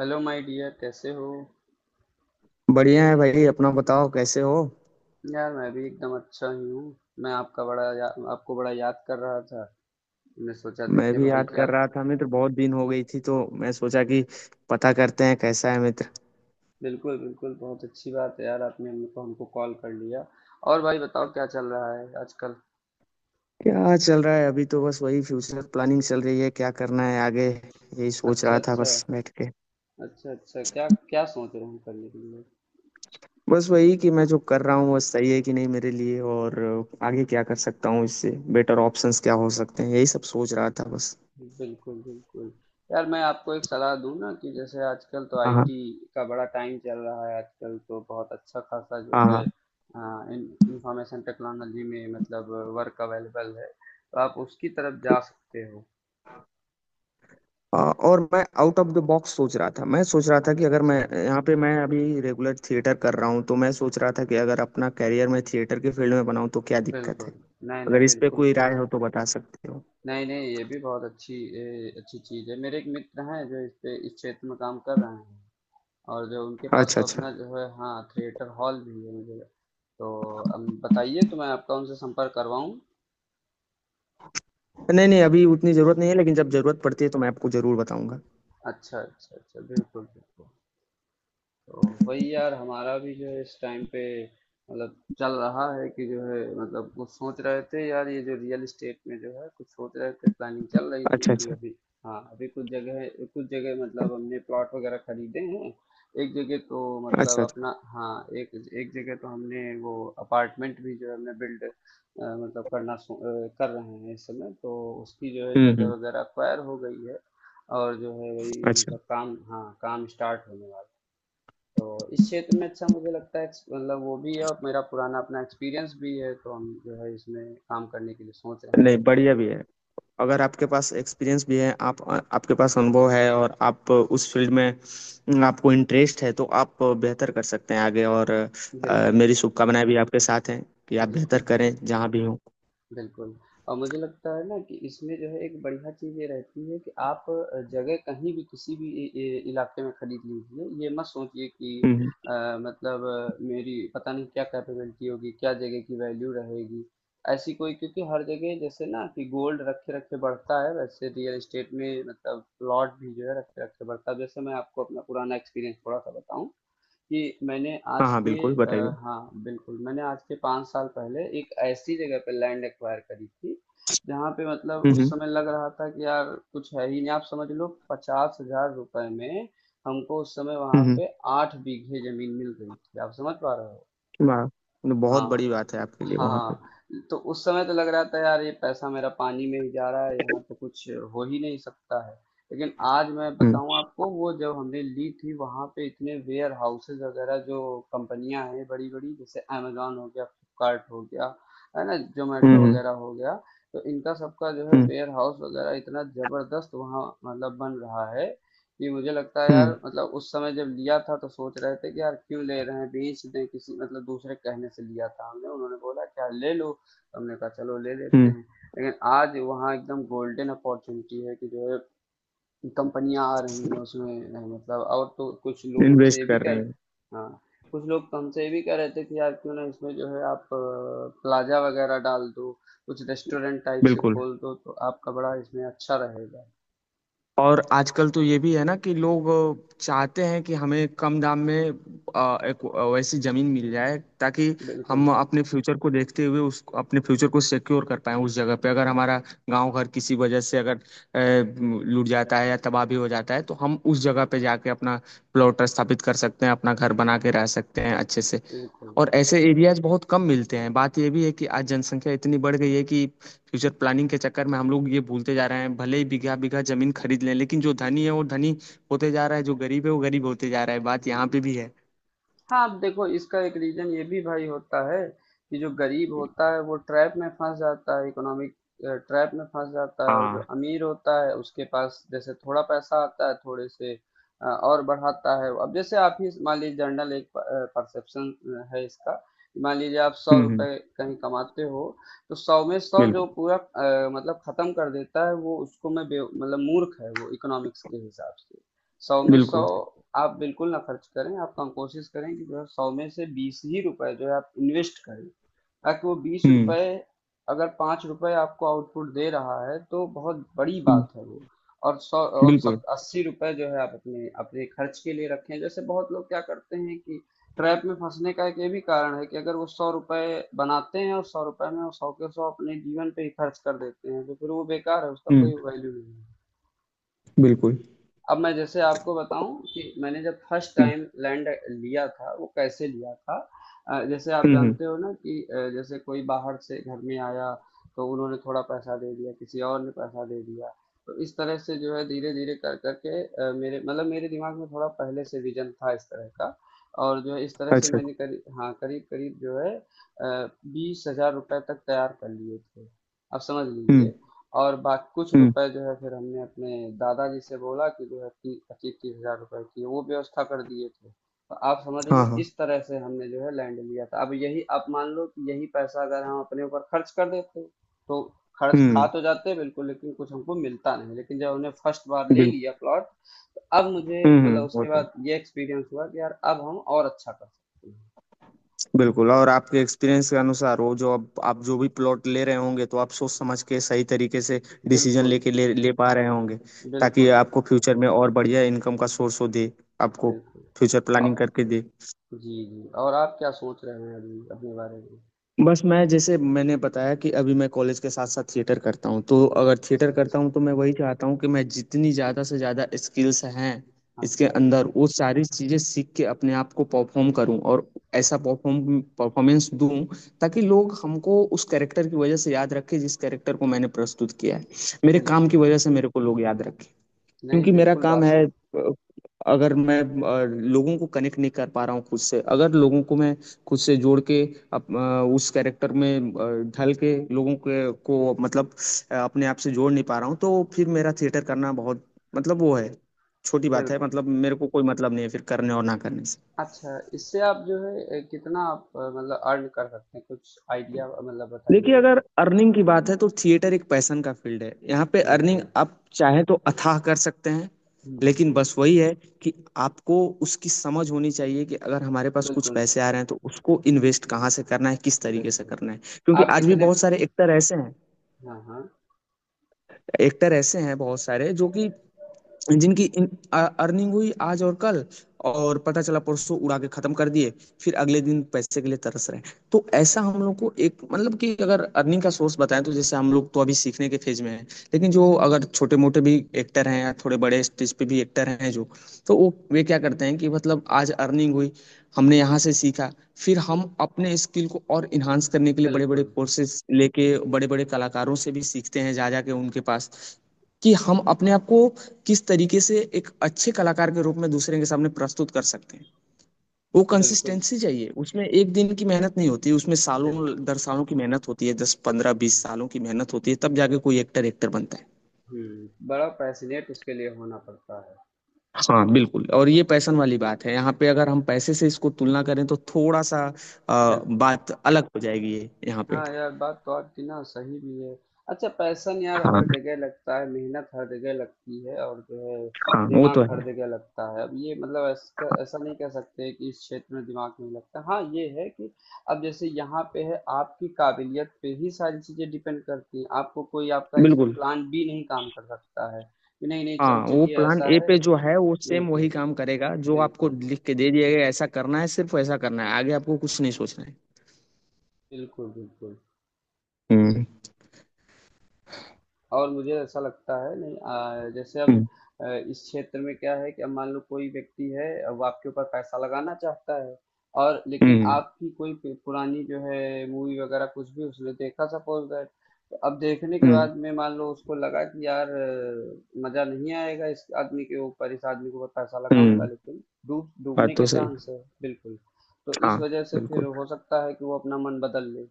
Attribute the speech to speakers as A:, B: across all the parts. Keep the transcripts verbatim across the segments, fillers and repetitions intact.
A: Hello my dear, कैसे हो?
B: बढ़िया है भाई। अपना बताओ कैसे हो?
A: यार, मैं भी एकदम अच्छा ही हूँ। मैं आपका बड़ा या, आपको बड़ा याद कर रहा था। मैं सोचा
B: मैं
A: देखे
B: भी
A: भाई
B: याद
A: क्या।
B: कर रहा था मित्र। बहुत दिन हो गई थी तो मैं सोचा कि पता करते हैं कैसा है मित्र।
A: बिल्कुल, बिल्कुल, बहुत अच्छी बात है यार, आपने हमको हमको कॉल कर लिया। और भाई बताओ, क्या चल रहा है आजकल?
B: क्या चल रहा है? अभी तो बस वही फ्यूचर प्लानिंग चल रही है। क्या करना है आगे, यही सोच
A: अच्छा,
B: रहा था
A: अच्छा।
B: बस बैठ के।
A: अच्छा, अच्छा, क्या क्या सोच रहे हैं करने के लिए?
B: बस वही कि मैं जो कर रहा हूँ वो सही है कि नहीं मेरे लिए, और आगे क्या कर सकता हूँ, इससे बेटर ऑप्शंस क्या हो सकते हैं, यही सब सोच रहा था बस।
A: बिल्कुल, बिल्कुल। यार, मैं आपको एक सलाह दूँ ना कि जैसे आजकल तो
B: हाँ हाँ।
A: आईटी का बड़ा टाइम चल रहा है। आजकल तो बहुत अच्छा खासा जो
B: हाँ
A: है
B: हाँ।
A: अ, इन इंफॉर्मेशन टेक्नोलॉजी में मतलब वर्क अवेलेबल है, तो आप उसकी तरफ जा सकते हो।
B: आ, और मैं आउट ऑफ द बॉक्स सोच रहा था। मैं सोच रहा था कि
A: अच्छा,
B: अगर मैं
A: अच्छा।
B: यहाँ पे मैं अभी रेगुलर थिएटर कर रहा हूँ, तो मैं सोच रहा था कि अगर अपना करियर मैं थिएटर के फील्ड में बनाऊँ तो क्या दिक्कत है।
A: बिल्कुल। नहीं, नहीं
B: अगर इस पे
A: बिल्कुल
B: कोई
A: कोई
B: राय हो
A: सा-
B: तो बता सकते हो।
A: नहीं, नहीं, ये भी बहुत अच्छी ए, अच्छी चीज़ है। मेरे एक मित्र हैं जो इस पे इस क्षेत्र में काम कर रहे हैं, और जो उनके पास
B: अच्छा
A: तो
B: अच्छा।
A: अपना जो है, हाँ, थिएटर हॉल भी है मुझे। तो अब बताइए तो मैं आपका उनसे संपर्क करवाऊँ?
B: नहीं नहीं, अभी उतनी जरूरत नहीं है, लेकिन जब जरूरत पड़ती है तो मैं आपको जरूर बताऊंगा।
A: अच्छा, अच्छा, अच्छा, बिल्कुल, बिल्कुल। तो वही यार, हमारा भी जो है इस टाइम पे मतलब चल रहा है कि जो है, मतलब कुछ सोच रहे थे यार, ये जो रियल एस्टेट में जो है कुछ सोच रहे थे, प्लानिंग चल रही थी
B: अच्छा
A: कि
B: अच्छा।
A: अभी, हाँ अभी कुछ जगह कुछ जगह मतलब हमने प्लॉट वगैरह खरीदे हैं। एक जगह तो मतलब
B: अच्छा अच्छा।
A: अपना, हाँ, एक एक जगह तो हमने वो अपार्टमेंट भी जो है हमने बिल्ड मतलब करना सो- अ, कर रहे हैं इस समय। तो उसकी जो है
B: हम्म।
A: जगह
B: हम्म।
A: वगैरह अक्वायर हो गई है, और जो है वही
B: अच्छा।
A: मतलब काम, हाँ, काम स्टार्ट होने वाला है। तो इस क्षेत्र में अच्छा मुझे लगता है एक्स- मतलब वो भी है और मेरा पुराना अपना एक्सपीरियंस भी है, तो हम जो है इसमें काम करने के लिए सोच रहे हैं।
B: नहीं, बढ़िया भी है। अगर आपके पास एक्सपीरियंस भी है, आप आपके पास अनुभव है और आप उस फील्ड में, आपको इंटरेस्ट है, तो आप बेहतर कर सकते हैं आगे। और अ,
A: बिल्कुल।
B: मेरी शुभकामनाएं भी आपके साथ हैं कि आप बेहतर
A: बिल्कुल,
B: करें
A: बिल्कुल,
B: जहां भी हो।
A: बिल्कुल। और मुझे लगता है ना कि इसमें जो है एक बढ़िया चीज़ ये रहती है कि आप अ, जगह कहीं भी किसी भी इ- इ- इलाके में खरीद लीजिए। ये मत सोचिए कि
B: हम्म।
A: अ, मतलब अ, मेरी पता नहीं क्या कैपेबिलिटी होगी, क्या जगह की वैल्यू रहेगी, ऐसी कोई, क्योंकि हर जगह जैसे ना कि गोल्ड रखे रखे बढ़ता है, वैसे रियल एस्टेट में मतलब प्लॉट भी जो है रखे रखे बढ़ता है। जैसे मैं आपको अपना पुराना एक्सपीरियंस थोड़ा सा बताऊं कि मैंने
B: हाँ
A: आज
B: हाँ,
A: के
B: बिल्कुल
A: अ,
B: बताइए।
A: हाँ, बिल्कुल, मैंने आज के पाँच साल पहले एक ऐसी जगह पे लैंड एक्वायर करी थी जहाँ पे मतलब उस
B: हम्म।
A: समय लग रहा था कि यार कुछ है ही नहीं, आप समझ लो, पचास हजार रुपए में हमको उस समय वहाँ
B: हम्म। हम्म।
A: पे आठ बीघे जमीन मिल रही थी। आप समझ पा रहे हो?
B: वाह। ये बहुत
A: हाँ,
B: बड़ी बात है आपके लिए वहां पे।
A: हाँ, तो उस समय तो लग रहा था यार ये पैसा मेरा पानी में ही जा रहा है, यहाँ तो कुछ हो ही नहीं सकता है। लेकिन आज मैं
B: हम्म।
A: बताऊँ आपको, वो जब हमने ली थी, वहाँ पे इतने वेयर हाउसेज वगैरह जो कंपनियां हैं बड़ी बड़ी जैसे अमेजोन हो गया, फ्लिपकार्ट हो गया, है ना, जोमेटो
B: हम्म।
A: वगैरह हो गया, तो इनका सबका जो है
B: हम्म।
A: वेयर हाउस वगैरह इतना जबरदस्त वहाँ मतलब बन रहा है कि मुझे लगता है यार, मतलब उस समय जब लिया था तो सोच रहे थे कि यार क्यों ले रहे हैं, बेच दें किसी, मतलब दूसरे कहने से लिया था हमने, उन्होंने बोला कि यार ले लो, तो हमने कहा चलो ले लेते
B: हम्म।
A: हैं। लेकिन आज वहाँ एकदम गोल्डन अपॉर्चुनिटी है कि जो है कंपनियां आ रही हैं उसमें, नहीं मतलब, और तो कुछ लोग हमसे ये
B: इन्वेस्ट
A: भी
B: कर
A: कह
B: रहे
A: रहे,
B: हैं।
A: हाँ, कुछ लोग तो हमसे ये भी कह रहे थे कि यार क्यों ना इसमें जो है आप प्लाजा वगैरह डाल दो, कुछ रेस्टोरेंट टाइप से
B: बिल्कुल।
A: खोल दो, तो आपका बड़ा इसमें अच्छा रहेगा।
B: और आजकल तो ये भी है ना कि लोग चाहते हैं कि हमें कम दाम में अ, एक वैसी जमीन मिल जाए, ताकि
A: बिल्कुल,
B: हम अपने फ्यूचर को देखते हुए उस अपने फ्यूचर को सिक्योर कर पाएं उस जगह पे। अगर हमारा गांव घर किसी वजह से अगर अ, लूट जाता है या तबाही हो जाता है, तो हम उस जगह पे जाके अपना प्लॉट स्थापित कर सकते हैं, अपना घर बना के रह सकते हैं अच्छे से।
A: बिल्कुल।
B: और ऐसे एरियाज बहुत कम मिलते हैं। बात यह भी है कि आज जनसंख्या इतनी बढ़ गई है कि फ्यूचर प्लानिंग के चक्कर में हम लोग ये भूलते जा रहे हैं, भले ही बीघा बीघा जमीन खरीद लें। लेकिन जो धनी है वो धनी होते जा रहा है, जो गरीब है वो गरीब होते जा रहा है। बात यहाँ पे भी है।
A: हाँ, अब देखो, इसका एक रीजन ये भी भाई होता है कि जो गरीब होता है वो ट्रैप में फंस जाता है, इकोनॉमिक ट्रैप में फंस जाता है, और जो
B: हाँ।
A: अमीर होता है उसके पास जैसे थोड़ा पैसा आता है थोड़े से अ, और बढ़ाता है। अब जैसे आप ही मान लीजिए, जनरल एक परसेप्शन है इसका, मान लीजिए आप सौ
B: हम्म। हम्म।
A: रुपए कहीं कमाते हो, तो सौ में सौ जो
B: बिल्कुल
A: पूरा अ, मतलब खत्म कर देता है वो, उसको मैं बे- मतलब मूर्ख है वो इकोनॉमिक्स के हिसाब से। सौ में सौ
B: बिल्कुल।
A: आप बिल्कुल ना खर्च करें, आप, हम कोशिश करें कि जो है सौ में से बीस ही रुपए जो है आप इन्वेस्ट करें, ताकि वो 20
B: हम्म।
A: रुपए अगर पांच रुपए आपको आउटपुट दे रहा है तो बहुत बड़ी
B: हम्म।
A: बात है वो। और सौ और
B: बिल्कुल।
A: सत- अस्सी रुपए जो है आप अपने अपने खर्च के लिए रखें। जैसे बहुत लोग क्या करते हैं कि ट्रैप में फंसने का एक ये भी कारण है कि अगर वो सौ रुपए बनाते हैं और सौ रुपए में वो सौ के सौ अपने जीवन पे ही खर्च कर देते हैं, तो फिर वो बेकार है, उसका
B: हम्म।
A: कोई वैल्यू नहीं है।
B: बिल्कुल।
A: अब मैं जैसे आपको बताऊं कि मैंने जब फर्स्ट
B: हम्म।
A: टाइम लैंड लिया था वो कैसे लिया था। अ, जैसे आप
B: हम्म। हम्म।
A: जानते हो ना कि अ, जैसे कोई बाहर से घर में आया, तो उन्होंने थोड़ा पैसा दे दिया, किसी और ने पैसा दे दिया, तो इस तरह से जो है धीरे धीरे कर करके अ, मेरे मतलब मेरे दिमाग में थोड़ा पहले से विजन था इस तरह का, और जो है इस तरह से
B: अच्छा।
A: मैंने करीब, हाँ, करीब करीब जो है बीस हजार रुपए तक तैयार कर लिए थे, आप समझ
B: हम्म।
A: लीजिए। और बाकी कुछ
B: हम्म।
A: रुपए जो है फिर हमने अपने दादाजी से बोला कि जो है ती- पच्चीस तीस हजार रुपए की वो व्यवस्था कर दिए थे। तो आप समझ
B: हाँ
A: लो
B: हाँ।
A: इस तरह से हमने जो है लैंड लिया था। अब यही आप मान लो कि यही पैसा अगर हम अपने ऊपर खर्च कर देते तो खर्च खा
B: हम्म।
A: तो जाते बिल्कुल, लेकिन कुछ हमको मिलता नहीं। लेकिन जब हमने फर्स्ट बार ले
B: बिल्कुल।
A: लिया प्लॉट तो अब मुझे,
B: हम्म।
A: मतलब
B: हम्म। वो
A: उसके
B: तो।
A: बाद ये एक्सपीरियंस हुआ कि यार अब हम और अच्छा कर सकते हैं।
B: बिल्कुल। और आपके एक्सपीरियंस के अनुसार, वो जो अब आप जो भी प्लॉट ले रहे होंगे, तो आप सोच समझ के सही तरीके से डिसीजन
A: बिल्कुल,
B: लेके ले ले पा रहे होंगे, ताकि
A: बिल्कुल,
B: आपको फ्यूचर में और बढ़िया इनकम का सोर्स हो दे आपको,
A: बिल्कुल।
B: फ्यूचर प्लानिंग
A: और,
B: करके दे।
A: जी जी, और आप क्या सोच रहे हैं अभी अपने बारे में?
B: बस, मैं जैसे मैंने बताया कि अभी मैं कॉलेज के साथ साथ थिएटर करता हूँ, तो अगर
A: अच्छा,
B: थिएटर करता
A: अच्छा,
B: हूँ तो मैं वही चाहता हूँ कि मैं, जितनी ज़्यादा से ज़्यादा स्किल्स हैं इसके
A: अच्छा, अच्छा,
B: अंदर, वो सारी चीज़ें सीख के अपने आप को परफॉर्म करूँ, और ऐसा परफॉर्म परफॉर्मेंस दूँ, ताकि लोग हमको उस कैरेक्टर की वजह से याद रखें जिस कैरेक्टर को मैंने प्रस्तुत किया है। मेरे काम की
A: बिल्कुल,
B: वजह से मेरे को लोग याद रखें।
A: नहीं
B: क्योंकि मेरा
A: बिल्कुल,
B: काम
A: बात
B: है,
A: सही।
B: अ, अगर मैं अ, लोगों को कनेक्ट नहीं कर पा रहा हूँ खुद से, अगर लोगों को मैं खुद से जोड़ के, अप, अ, उस कैरेक्टर में अ, ढल के, लोगों के को मतलब अ, अपने आप से जोड़ नहीं पा रहा हूँ, तो फिर मेरा थिएटर करना बहुत, मतलब वो है, छोटी बात है।
A: बिल्कुल।
B: मतलब मेरे को कोई मतलब नहीं है फिर, करने और ना करने से।
A: अच्छा, इससे आप जो है अ, कितना आप अ, मतलब अर्न कर सकते हैं, कुछ आइडिया मतलब
B: देखिए,
A: बताइए।
B: अगर अर्निंग की बात है तो थिएटर एक पैशन का फील्ड है। यहाँ पे अर्निंग
A: बिल्कुल,
B: आप चाहे तो अथाह कर सकते हैं।
A: हम्म,
B: लेकिन बस वही है कि आपको उसकी समझ होनी चाहिए कि अगर हमारे पास कुछ
A: बिल्कुल,
B: पैसे आ रहे हैं, तो उसको इन्वेस्ट कहाँ से करना है, किस तरीके से
A: बिल्कुल।
B: करना है। क्योंकि
A: आप
B: आज भी
A: कितने,
B: बहुत सारे एक्टर ऐसे हैं
A: हाँ, हाँ,
B: एक्टर ऐसे हैं बहुत सारे, जो कि, जिनकी इन, अ- अर्निंग हुई आज और कल, और पता चला परसों उड़ा के खत्म कर दिए। फिर अगले दिन पैसे के लिए तरस रहे हैं। तो ऐसा हम लोग को एक, मतलब कि अगर अर्निंग का सोर्स बताएं, तो जैसे हम लोग तो अभी सीखने के फेज में हैं। लेकिन जो अगर छोटे मोटे भी एक्टर हैं या थोड़े बड़े स्टेज पे भी एक्टर हैं, जो, तो वो वे क्या करते हैं कि मतलब आज अर्निंग हुई, हमने यहाँ से सीखा। फिर हम अपने स्किल को और इन्हांस करने के लिए बड़े बड़े
A: बिल्कुल,
B: कोर्सेज लेके बड़े बड़े कलाकारों से भी सीखते हैं जा जा के उनके पास, कि हम अपने आप को किस तरीके से एक अच्छे कलाकार के रूप में दूसरे के सामने प्रस्तुत कर सकते हैं। वो
A: बिल्कुल,
B: कंसिस्टेंसी चाहिए उसमें। एक दिन की मेहनत नहीं होती उसमें, सालों
A: बिल्कुल।
B: दर सालों की मेहनत होती है। दस पंद्रह बीस
A: हम्म,
B: सालों की मेहनत होती है, तब जाके कोई एक्टर एक्टर बनता है।
A: हम्म, बड़ा पैशनेट उसके लिए होना पड़ता है।
B: हाँ बिल्कुल। और ये पैसन वाली बात है। यहाँ पे अगर हम पैसे से इसको तुलना करें तो थोड़ा सा आ,
A: बिल्कुल,
B: बात अलग हो जाएगी ये यहाँ पे।
A: हाँ यार बात तो आपकी ना सही भी है। अच्छा, पैशन यार
B: हाँ
A: हर जगह लगता है, मेहनत हर जगह लगती है, और जो है
B: हाँ, वो
A: दिमाग
B: तो है
A: हर
B: हाँ।
A: जगह लगता है। अब ये मतलब ऐसा ऐसा नहीं कह सकते कि इस क्षेत्र में दिमाग नहीं लगता। हाँ ये है कि अब जैसे यहाँ पे है आपकी काबिलियत पे ही सारी चीजें डिपेंड करती हैं, आपको कोई, आपका इसमें
B: बिल्कुल।
A: प्लान बी नहीं काम कर सकता है कि नहीं नहीं चलो,
B: हाँ, वो
A: चलिए
B: प्लान
A: ऐसा
B: ए
A: है।
B: पे जो है वो सेम वही
A: बिल्कुल,
B: काम करेगा जो आपको
A: बिल्कुल,
B: लिख के दे दिया गया है, ऐसा करना है, सिर्फ ऐसा करना है, आगे आपको कुछ नहीं सोचना है।
A: बिल्कुल, बिल्कुल।
B: हुँ।
A: और मुझे ऐसा लगता है, नहीं आ, जैसे
B: हुँ।
A: अब अ, इस क्षेत्र में क्या है कि अब मान लो कोई व्यक्ति है, अब आपके ऊपर पैसा लगाना चाहता है और, लेकिन
B: हुँ।
A: आपकी कोई पु- पुरानी जो है मूवी वगैरह कुछ भी उसने देखा, सपोज दैट, तो अब देखने के
B: हुँ।
A: बाद में मान लो उसको लगा कि यार अ, मजा नहीं आएगा इस आदमी के ऊपर, इस आदमी के ऊपर पैसा लगाऊंगा
B: हुँ।
A: लेकिन डूब डूबने
B: बात
A: के
B: तो सही।
A: चांस है बिल्कुल, तो इस
B: हाँ,
A: वजह से फिर
B: बिल्कुल।
A: हो सकता है कि वो अपना मन बदल ले।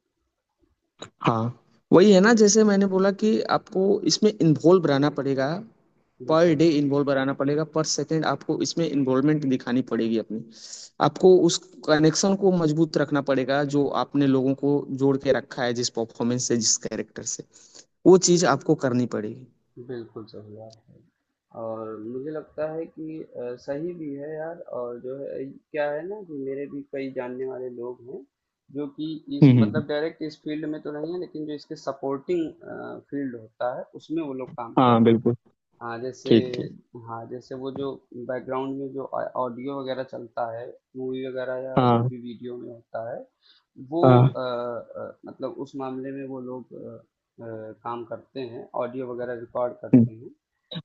B: हाँ, वही है ना। जैसे मैंने बोला कि आपको इसमें इन्वॉल्व रहना पड़ेगा, पर
A: बिल्कुल,
B: डे इन्वॉल्व रहना पड़ेगा, पर सेकंड आपको इसमें इन्वॉल्वमेंट दिखानी पड़ेगी अपनी। आपको उस कनेक्शन को मजबूत रखना पड़ेगा जो आपने लोगों को जोड़ के रखा है, जिस परफॉर्मेंस से, जिस कैरेक्टर से। वो चीज़ आपको करनी पड़ेगी।
A: बिल्कुल सही बात है। और मुझे लगता है कि अ, सही भी है यार। और जो है क्या है ना कि मेरे भी कई जानने वाले लोग हैं जो कि इस,
B: हुँ। हुँ।
A: मतलब डायरेक्ट इस फील्ड में तो नहीं है, लेकिन जो इसके सपोर्टिंग फील्ड होता है उसमें वो लोग काम कर
B: हाँ,
A: रहे हैं।
B: बिल्कुल।
A: हाँ जैसे,
B: ठीक, ठीक।
A: हाँ जैसे वो जो बैकग्राउंड में जो ऑडियो वगैरह चलता है मूवी वगैरह या जो
B: हाँ,
A: भी वीडियो में होता है वो
B: हाँ।
A: अ, अ, मतलब उस मामले में वो लोग काम करते हैं, ऑडियो वगैरह रिकॉर्ड करते
B: हुँ।
A: हैं,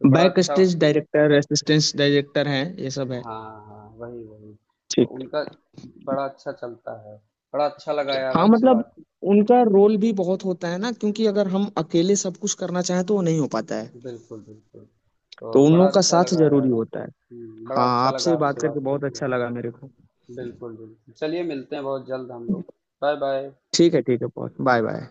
A: तो बड़ा
B: बैक
A: अच्छा।
B: स्टेज डायरेक्टर, असिस्टेंट डायरेक्टर हैं, ये सब है।
A: हाँ, हाँ, वही वही, तो
B: ठीक।
A: उनका बड़ा अच्छा चलता है। बड़ा अच्छा लगा यार
B: हाँ
A: आपसे
B: मतलब,
A: बात।
B: उनका रोल भी बहुत होता है ना, क्योंकि अगर हम अकेले सब कुछ करना चाहें तो वो नहीं हो पाता है।
A: बिल्कुल, बिल्कुल, तो
B: तो उन
A: बड़ा
B: लोगों का
A: अच्छा
B: साथ
A: लगा यार।
B: जरूरी होता है।
A: हम्म, बड़ा
B: हाँ,
A: अच्छा लगा
B: आपसे बात
A: आपसे
B: करके
A: बात
B: बहुत
A: करके।
B: अच्छा लगा मेरे को।
A: बिल्कुल, बिल्कुल, चलिए मिलते हैं बहुत जल्द हम लोग। Bye bye.
B: ठीक है, ठीक है, बहुत। Bye bye.